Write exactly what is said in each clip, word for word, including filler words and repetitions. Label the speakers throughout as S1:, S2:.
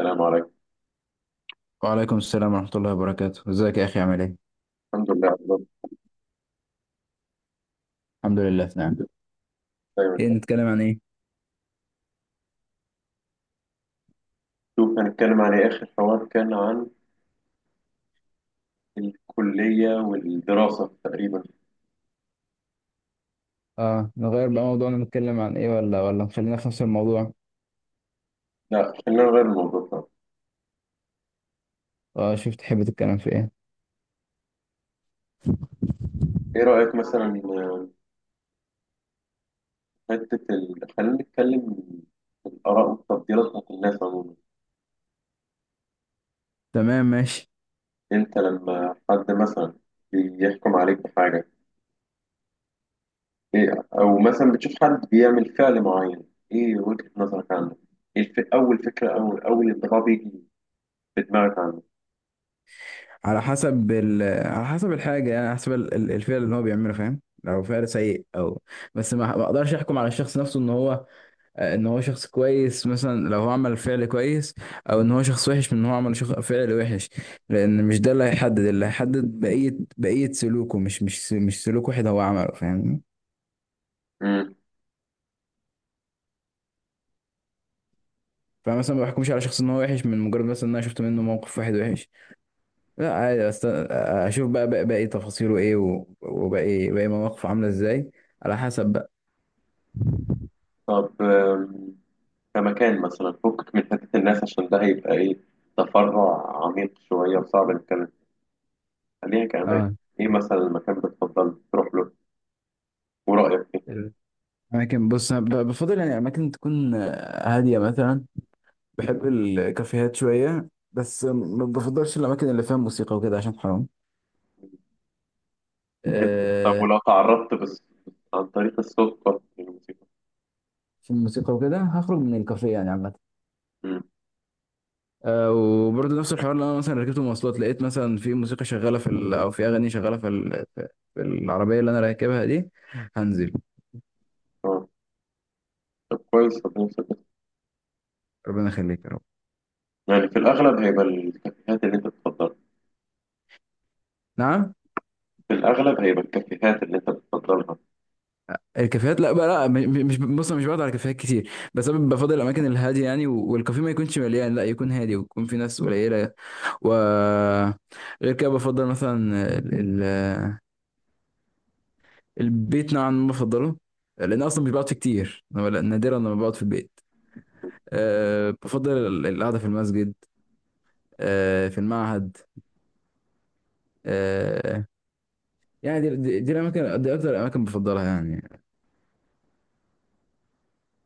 S1: السلام عليكم.
S2: وعليكم السلام ورحمة الله وبركاته، ازيك يا أخي؟ عامل ايه؟
S1: الحمد لله على الوضع.
S2: الحمد لله في نعم.
S1: دايما.
S2: ايه نتكلم عن ايه؟
S1: شوف، هنتكلم عن إيه؟ آخر حوار كان عن الكلية والدراسة تقريبا.
S2: اه، نغير بقى موضوعنا، نتكلم عن ايه ولا ولا نخلينا في نفس الموضوع.
S1: لا، خلينا نغير الموضوع طبعا.
S2: اه شوف تحب تتكلم في ايه.
S1: إيه رأيك مثلا؟ آه، حتة ال... خلينا نتكلم في الآراء والتفضيلات بتاعت الناس عموما.
S2: تمام ماشي.
S1: أنت لما حد مثلا بيحكم عليك بحاجة، إيه، أو مثلا بتشوف حد بيعمل فعل معين، إيه وجهة نظرك عنه؟ إيه الف... أول فكرة أو أول انطباع بيجي في دماغك عنه؟
S2: على حسب ال... على حسب الحاجة، يعني على حسب ال- ال- الفعل اللي هو بيعمله، فاهم؟ لو فعل سيء او بس ما ما اقدرش احكم على الشخص نفسه ان هو آه، ان هو شخص كويس مثلا لو هو عمل فعل كويس، او ان هو شخص وحش من ان هو عمل شخ... فعل وحش، لان مش ده اللي هيحدد، اللي هيحدد بقية بقية سلوكه، مش مش مش سلوك واحد هو عمله، فاهمني؟
S1: مم.
S2: فمثلا ما بحكمش على شخص ان هو وحش من مجرد مثلا ان انا شفت منه موقف واحد وحش. لا عادي، أست... اشوف بقى بقى- باقي تفاصيله ايه، و- وباقي باقي مواقفه عاملة ازاي، على حسب بقى.
S1: طب، آم، كمكان مثلا فكك من حتة الناس، عشان ده هيبقى، إيه، تفرع عميق شوية وصعب نتكلم. خلينا كأماكن،
S2: اه.
S1: إيه مثلا المكان بتفضل تروح له ورأيك فيه؟
S2: الاماكن، بص أنا ب- بفضل يعني اماكن تكون هادية مثلا. بحب الكافيهات شوية بس ما بفضلش الأماكن اللي فيها موسيقى وكده عشان حرام.
S1: طب،
S2: آه.
S1: ولو تعرضت بس عن طريق الصدفة للموسيقى؟
S2: في الموسيقى وكده هخرج من الكافيه يعني عامة.
S1: مم.
S2: آه، وبرضه نفس الحوار اللي أنا مثلا ركبت مواصلات لقيت مثلا في موسيقى شغالة في ال... أو في أغاني شغالة في ال... في في العربية اللي أنا راكبها دي، هنزل.
S1: آه. طب كويس، ربنا يسلمك.
S2: ربنا يخليك يا رب.
S1: يعني في الأغلب هيبقى الكافيهات اللي أنت بتفضلها.
S2: نعم.
S1: في الأغلب هيبقى الكافيهات اللي أنت بتفضلها.
S2: الكافيهات لا بقى لا، م- مش، بص أنا مش بقعد على كافيهات كتير بس انا بفضل الاماكن الهاديه يعني، و- والكافيه ما يكونش مليان، لا يكون هادي ويكون في ناس قليله. و غير كده بفضل مثلا ال... ال- البيت نوعا ما بفضله لان أنا اصلا مش بقعد فيه كتير أنا، ولا- نادرا لما بقعد في البيت. أه بفضل ال- القعده في المسجد، أه في المعهد، أه، يعني دي, دي, دي الاماكن، دي اكتر الاماكن بفضلها يعني.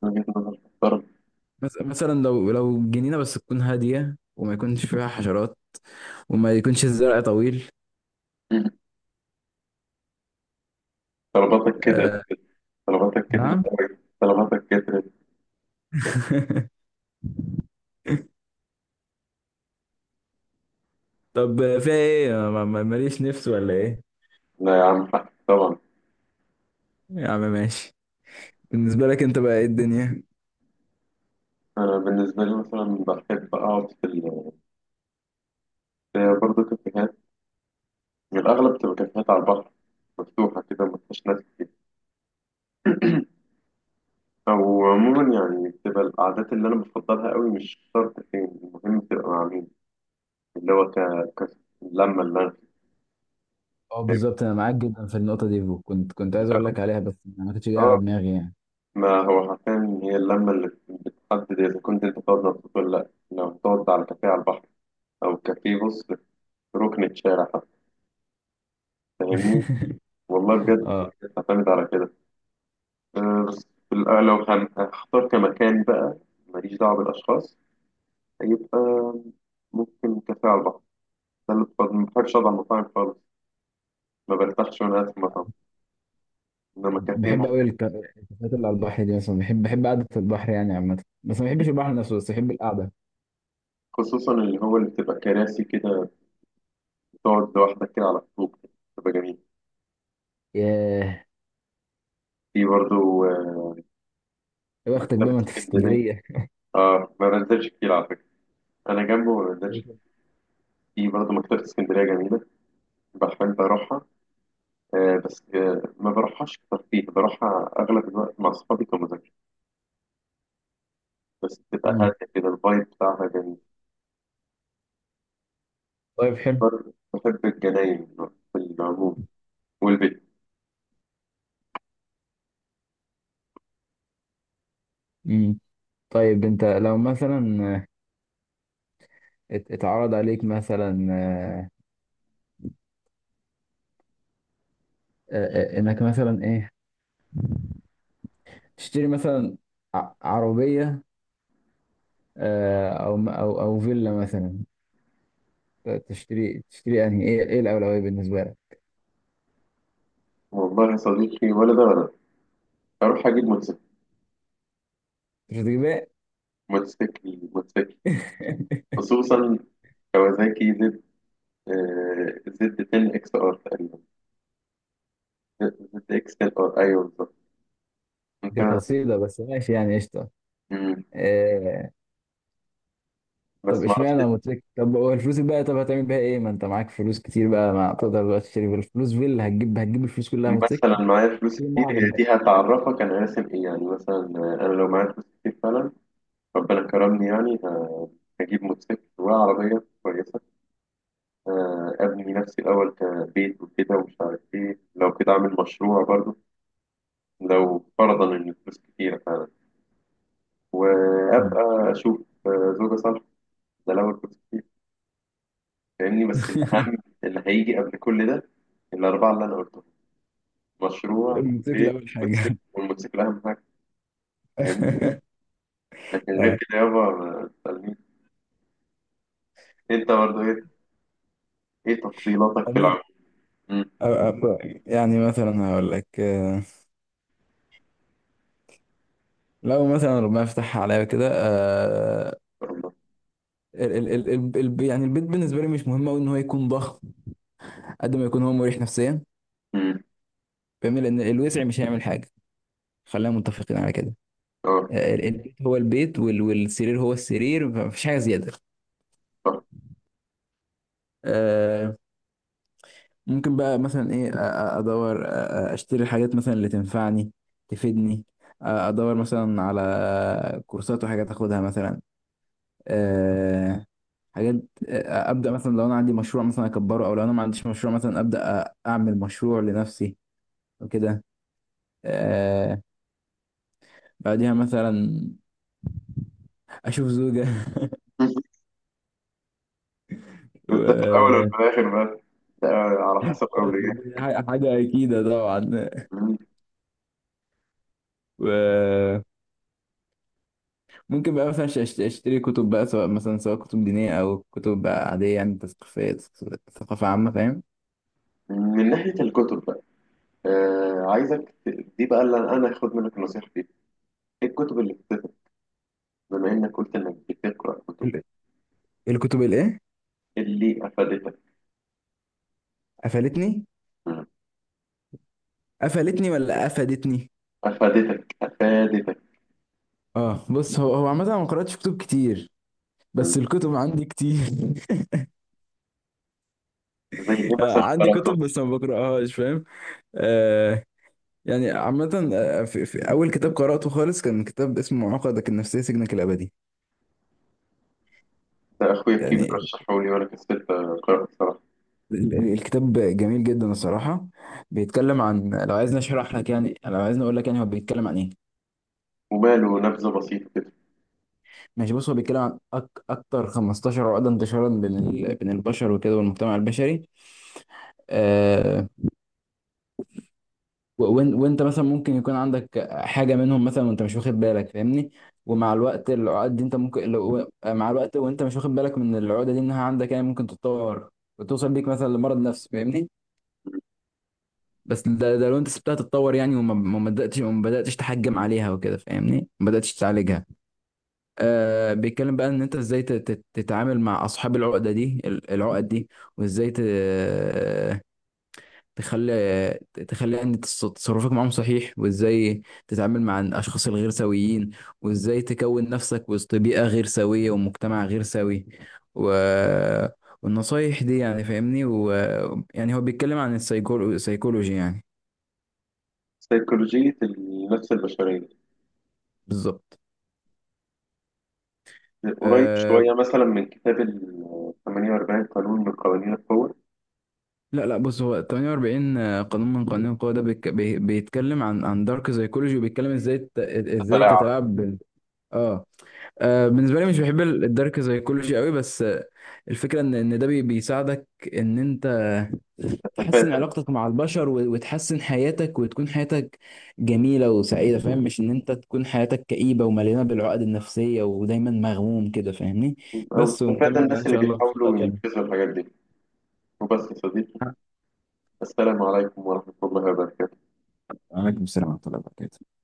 S1: من وجهة نظر محترم.
S2: مس- مثلا لو لو جنينه بس تكون هاديه وما يكونش فيها حشرات وما يكونش الزرع طويل.
S1: مم. طلباتك كده،
S2: آه.
S1: طلباتك كترت
S2: نعم.
S1: أوي، طلباتك كترت.
S2: طب فيها ايه؟ ما- ما- ماليش نفس ولا ايه؟
S1: لا يا عم، حق طبعا.
S2: يا عم ماشي. بالنسبة لك انت بقى ايه الدنيا.
S1: أنا بالنسبة لي مثلا بحب أقعد في ال هي برضه كافيهات، يعني الأغلب بتبقى كافيهات على البحر، مفتوحة كده مفيهاش ناس كتير. أو عموما يعني بتبقى القعدات اللي أنا بفضلها قوي، مش شرط فين، المهم تبقى مع مين، اللي هو ك... ك... اللمة اللي أنا.
S2: اه
S1: فاهم؟
S2: بالظبط انا معاك جدا في النقطه دي، وكنت كنت عايز
S1: لا.
S2: اقول لك عليها بس ما كنتش جاي على
S1: آه
S2: دماغي يعني.
S1: ما هو حرفيا هي اللمة اللي بتحدد إذا كنت أنت تقعد مبسوط ولا لأ. لو تقعد على كافيه على البحر، أو كافيه، بص، في ركن الشارع حتى، فاهمني؟ والله بجد،
S2: اه.
S1: بتعتمد على كده. آه، بس في الأ- لو هن- هختار كمكان بقى، ماليش دعوة بالأشخاص، هيبقى ممكن كافيه على البحر. ده اللي بفضل- ما بحبش أقعد على المطاعم خالص، ما برتاحش وأنا قاعد في المطعم. إنما كافيه
S2: بحب قوي
S1: ممكن،
S2: الك- الكافيهات اللي على البحر دي، مثلا بحب بحب قعده البحر يعني عامه، بس ما بحبش البحر نفسه، بس بحب القعده.
S1: خصوصا اللي هو اللي بتبقى كراسي كده، بتقعد لوحدك كده على الطوب كده، بتبقى جميل.
S2: ياه،
S1: في برضه آه،
S2: يا بختك بقى
S1: مكتبة
S2: ما انت في
S1: اسكندرية.
S2: اسكندريه.
S1: آه ما بنزلش كتير على فكرة، أنا جنبه ما بنزلش. في برضه مكتبة اسكندرية جميلة، بحب أروحها. آه بس آه ما بروحهاش كتير، فيه بروحها أغلب الوقت مع أصحابي كمذاكرة، بس بتبقى
S2: مم.
S1: هادية كده الفايب بتاعها جميل.
S2: طيب حلو.
S1: بر- بحب الجناين في العموم، والبيت.
S2: مم. طيب انت لو مثلا ات- اتعرض عليك مثلا آه، آه، آه، انك مثلا ايه، تشتري مثلا ع- عربية، آه، او م- او او فيلا مثلا، ت- تشتري تشتري انهي، ايه ايه الأولوية بالنسبة لك؟
S1: والله يا صديقي، ولا ده ولا ده، أروح أجيب موتوسيكل.
S2: مش هتجيبها.
S1: موتوسيكل، موتوسيكل. خصوصا كوازاكي زد، آه، زد عشرة اكس ار تقريبا، زد اكس عشرة ار، أيوه بالظبط،
S2: دي
S1: ممكن.
S2: قصيدة بس ماشي يعني قشطة.
S1: مم.
S2: آه. طب
S1: بس
S2: اشمعنى
S1: معرفش.
S2: موتوسيكل؟ طب هو الفلوس بقى طب هتعمل بيها ايه؟ ما انت معاك فلوس كتير بقى، ما تقدر بقى تشتري بالفلوس فيلا، هتجيب هتجيب الفلوس كلها
S1: مثلا
S2: موتوسيكل؟
S1: معايا فلوس
S2: في
S1: كتير،
S2: معرض
S1: هي
S2: بقى.
S1: دي هتعرفك أنا راسم إيه يعني. مثلا آه، أنا لو معايا فلوس كتير فعلا، ربنا كرمني يعني، آه، هجيب موتوسيكل وعربية كويسة. آه، أبني نفسي الأول، كبيت وكده ومش عارف إيه، لو كده أعمل مشروع برضو لو فرضا إن الفلوس كتيرة فعلا،
S2: مم.
S1: وأبقى أشوف آه، زوجة صالحة. ده لو الفلوس كتير، فاهمني؟ بس الأهم اللي هيجي قبل كل ده، الأربعة اللي أنا قلتهم: مشروع
S2: الموتوسيكل
S1: وبيت
S2: اول
S1: وموتوسيكل،
S2: حاجه.
S1: والموتوسيكل أهم حاجة، فاهمني؟ لكن غير كده يابا ما تسألنيش. أنت برضو، إيه إيه تفضيلاتك في
S2: اه،
S1: العمل؟ مم. إن
S2: أ- أ- يعني مثلا هقول لك، آه، لو مثلا ربنا يفتحها عليا كده، آه،
S1: شاء الله.
S2: ال ال ال ال ال- يعني البيت بالنسبه لي مش مهم قوي ان هو يكون ضخم، قد ما يكون هو مريح نفسيا،
S1: مم.
S2: فاهمني؟ لان الوسع مش هيعمل حاجه، خلينا متفقين على كده.
S1: أه،
S2: آه، ال- البيت هو البيت وال والسرير هو السرير، فمفيش حاجه زياده.
S1: صح.
S2: آه، ممكن بقى مثلا ايه أ- أ- ادور أ- أ- اشتري الحاجات مثلا اللي تنفعني تفيدني، أ- ادور مثلا على كورسات وحاجات اخدها مثلا. آه، حاجات، آه، ابدا مثلا لو انا عندي مشروع مثلا اكبره، او لو انا ما عنديش مشروع مثلا ابدا أ- اعمل مشروع لنفسي وكده. آه، بعديها مثلا اشوف زوجة.
S1: بس ده في الأول
S2: و-
S1: وفي الآخر بقى، ده على حسب أولوياتك.
S2: حاجة أكيدة طبعا.
S1: من
S2: وممكن بقى مثلا أش- أش- أشتري كتب بقى، سواء مثلا سواء كتب دينية أو كتب بقى عادية يعني تثقيفية، ثقافة عامة فاهم.
S1: من ناحية الكتب بقى، آه عايزك ت- دي بقى اللي أنا أخد منك النصيحة فيها. إيه الكتب اللي افادتك، بما إنك قلت إنك بتقرأ كتب؟
S2: ال- الكتب الإيه؟
S1: إيه اللي أفادتك؟
S2: قفلتني؟
S1: مم.
S2: قفلتني ولا أفادتني؟
S1: أفادتك، أفادتك.
S2: اه بص هو هو عامة أنا ما قرأتش كتب كتير،
S1: مم.
S2: بس الكتب عندي كتير.
S1: زي إيه
S2: آه،
S1: مثلا
S2: عندي
S1: قرأته؟
S2: كتب بس ما بقرأهاش فاهم. آه، يعني عامة آه، في, في أول كتاب قرأته خالص كان كتاب اسمه عقدك النفسية سجنك الأبدي
S1: ده أخويا الكبير
S2: يعني.
S1: رشحه لي وأنا كسلت أقرأه بصراحة.
S2: ال- ال- الكتاب جميل جدا الصراحة، بيتكلم عن، لو عايزني أشرح لك يعني، لو عايزني أقول لك يعني هو بيتكلم عن إيه.
S1: وماله؟ نبذة بسيطة كده.
S2: ماشي، بص هو بيتكلم عن أك أكتر خمستاشر عقدة انتشارا بين ال- بين البشر وكده والمجتمع البشري، آه، و- وإن- وانت مثلا ممكن يكون عندك حاجه منهم مثلا وانت مش واخد بالك، فاهمني؟ ومع الوقت العقد دي انت ممكن، لو مع الوقت وانت مش واخد بالك من العقده دي انها عندك يعني ممكن تتطور وتوصل بيك مثلا لمرض نفسي، فاهمني؟ بس ده, ده لو انت سبتها تتطور يعني، وما ما بداتش، وما بداتش تحجم عليها وكده فاهمني، ما بداتش تعالجها. آه بيتكلم بقى ان انت ازاي تت- تت- تتعامل مع اصحاب العقده دي، ال- العقد دي، وازاي ت- تخلي تخلي ان تص- تصرفك معاهم صحيح، وازاي تتعامل مع الاشخاص الغير سويين، وازاي تكون نفسك وسط بيئة غير سوية ومجتمع غير سوي، و... والنصايح دي يعني فاهمني، ويعني هو بيتكلم عن السيكولو... السيكولوجي يعني.
S1: سيكولوجية النفس البشرية.
S2: بالظبط.
S1: قريب
S2: أه...
S1: شوية مثلا من كتاب ال ثمانية وأربعين قانون من قوانين القوة.
S2: لا لا بص، هو ثمانية وأربعين قانون من قوانين القوة، ده بيك... بي... بيتكلم عن عن دارك سيكولوجي، وبيتكلم ازاي ت... ازاي
S1: تتلاعب.
S2: تتلاعب بال... اه. آه، بالنسبه لي مش بحب ال- الدارك سايكولوجي قوي، بس آه، الفكره ان ان ده بي- بيساعدك ان انت تحسن
S1: تتفادى.
S2: علاقتك مع البشر، و- وتحسن حياتك وتكون حياتك جميله وسعيده فاهم، مش ان انت تكون حياتك كئيبه ومليانه بالعقد النفسيه ودايما مغموم كده فاهمني.
S1: أو
S2: بس
S1: تتفادى
S2: ونكمل بقى ان
S1: الناس اللي
S2: شاء الله في لقاء
S1: بيحاولوا
S2: تاني.
S1: ينفذوا الحاجات دي. وبس يا صديقي، السلام عليكم ورحمة الله وبركاته.
S2: عليكم السلام ورحمة الله وبركاته.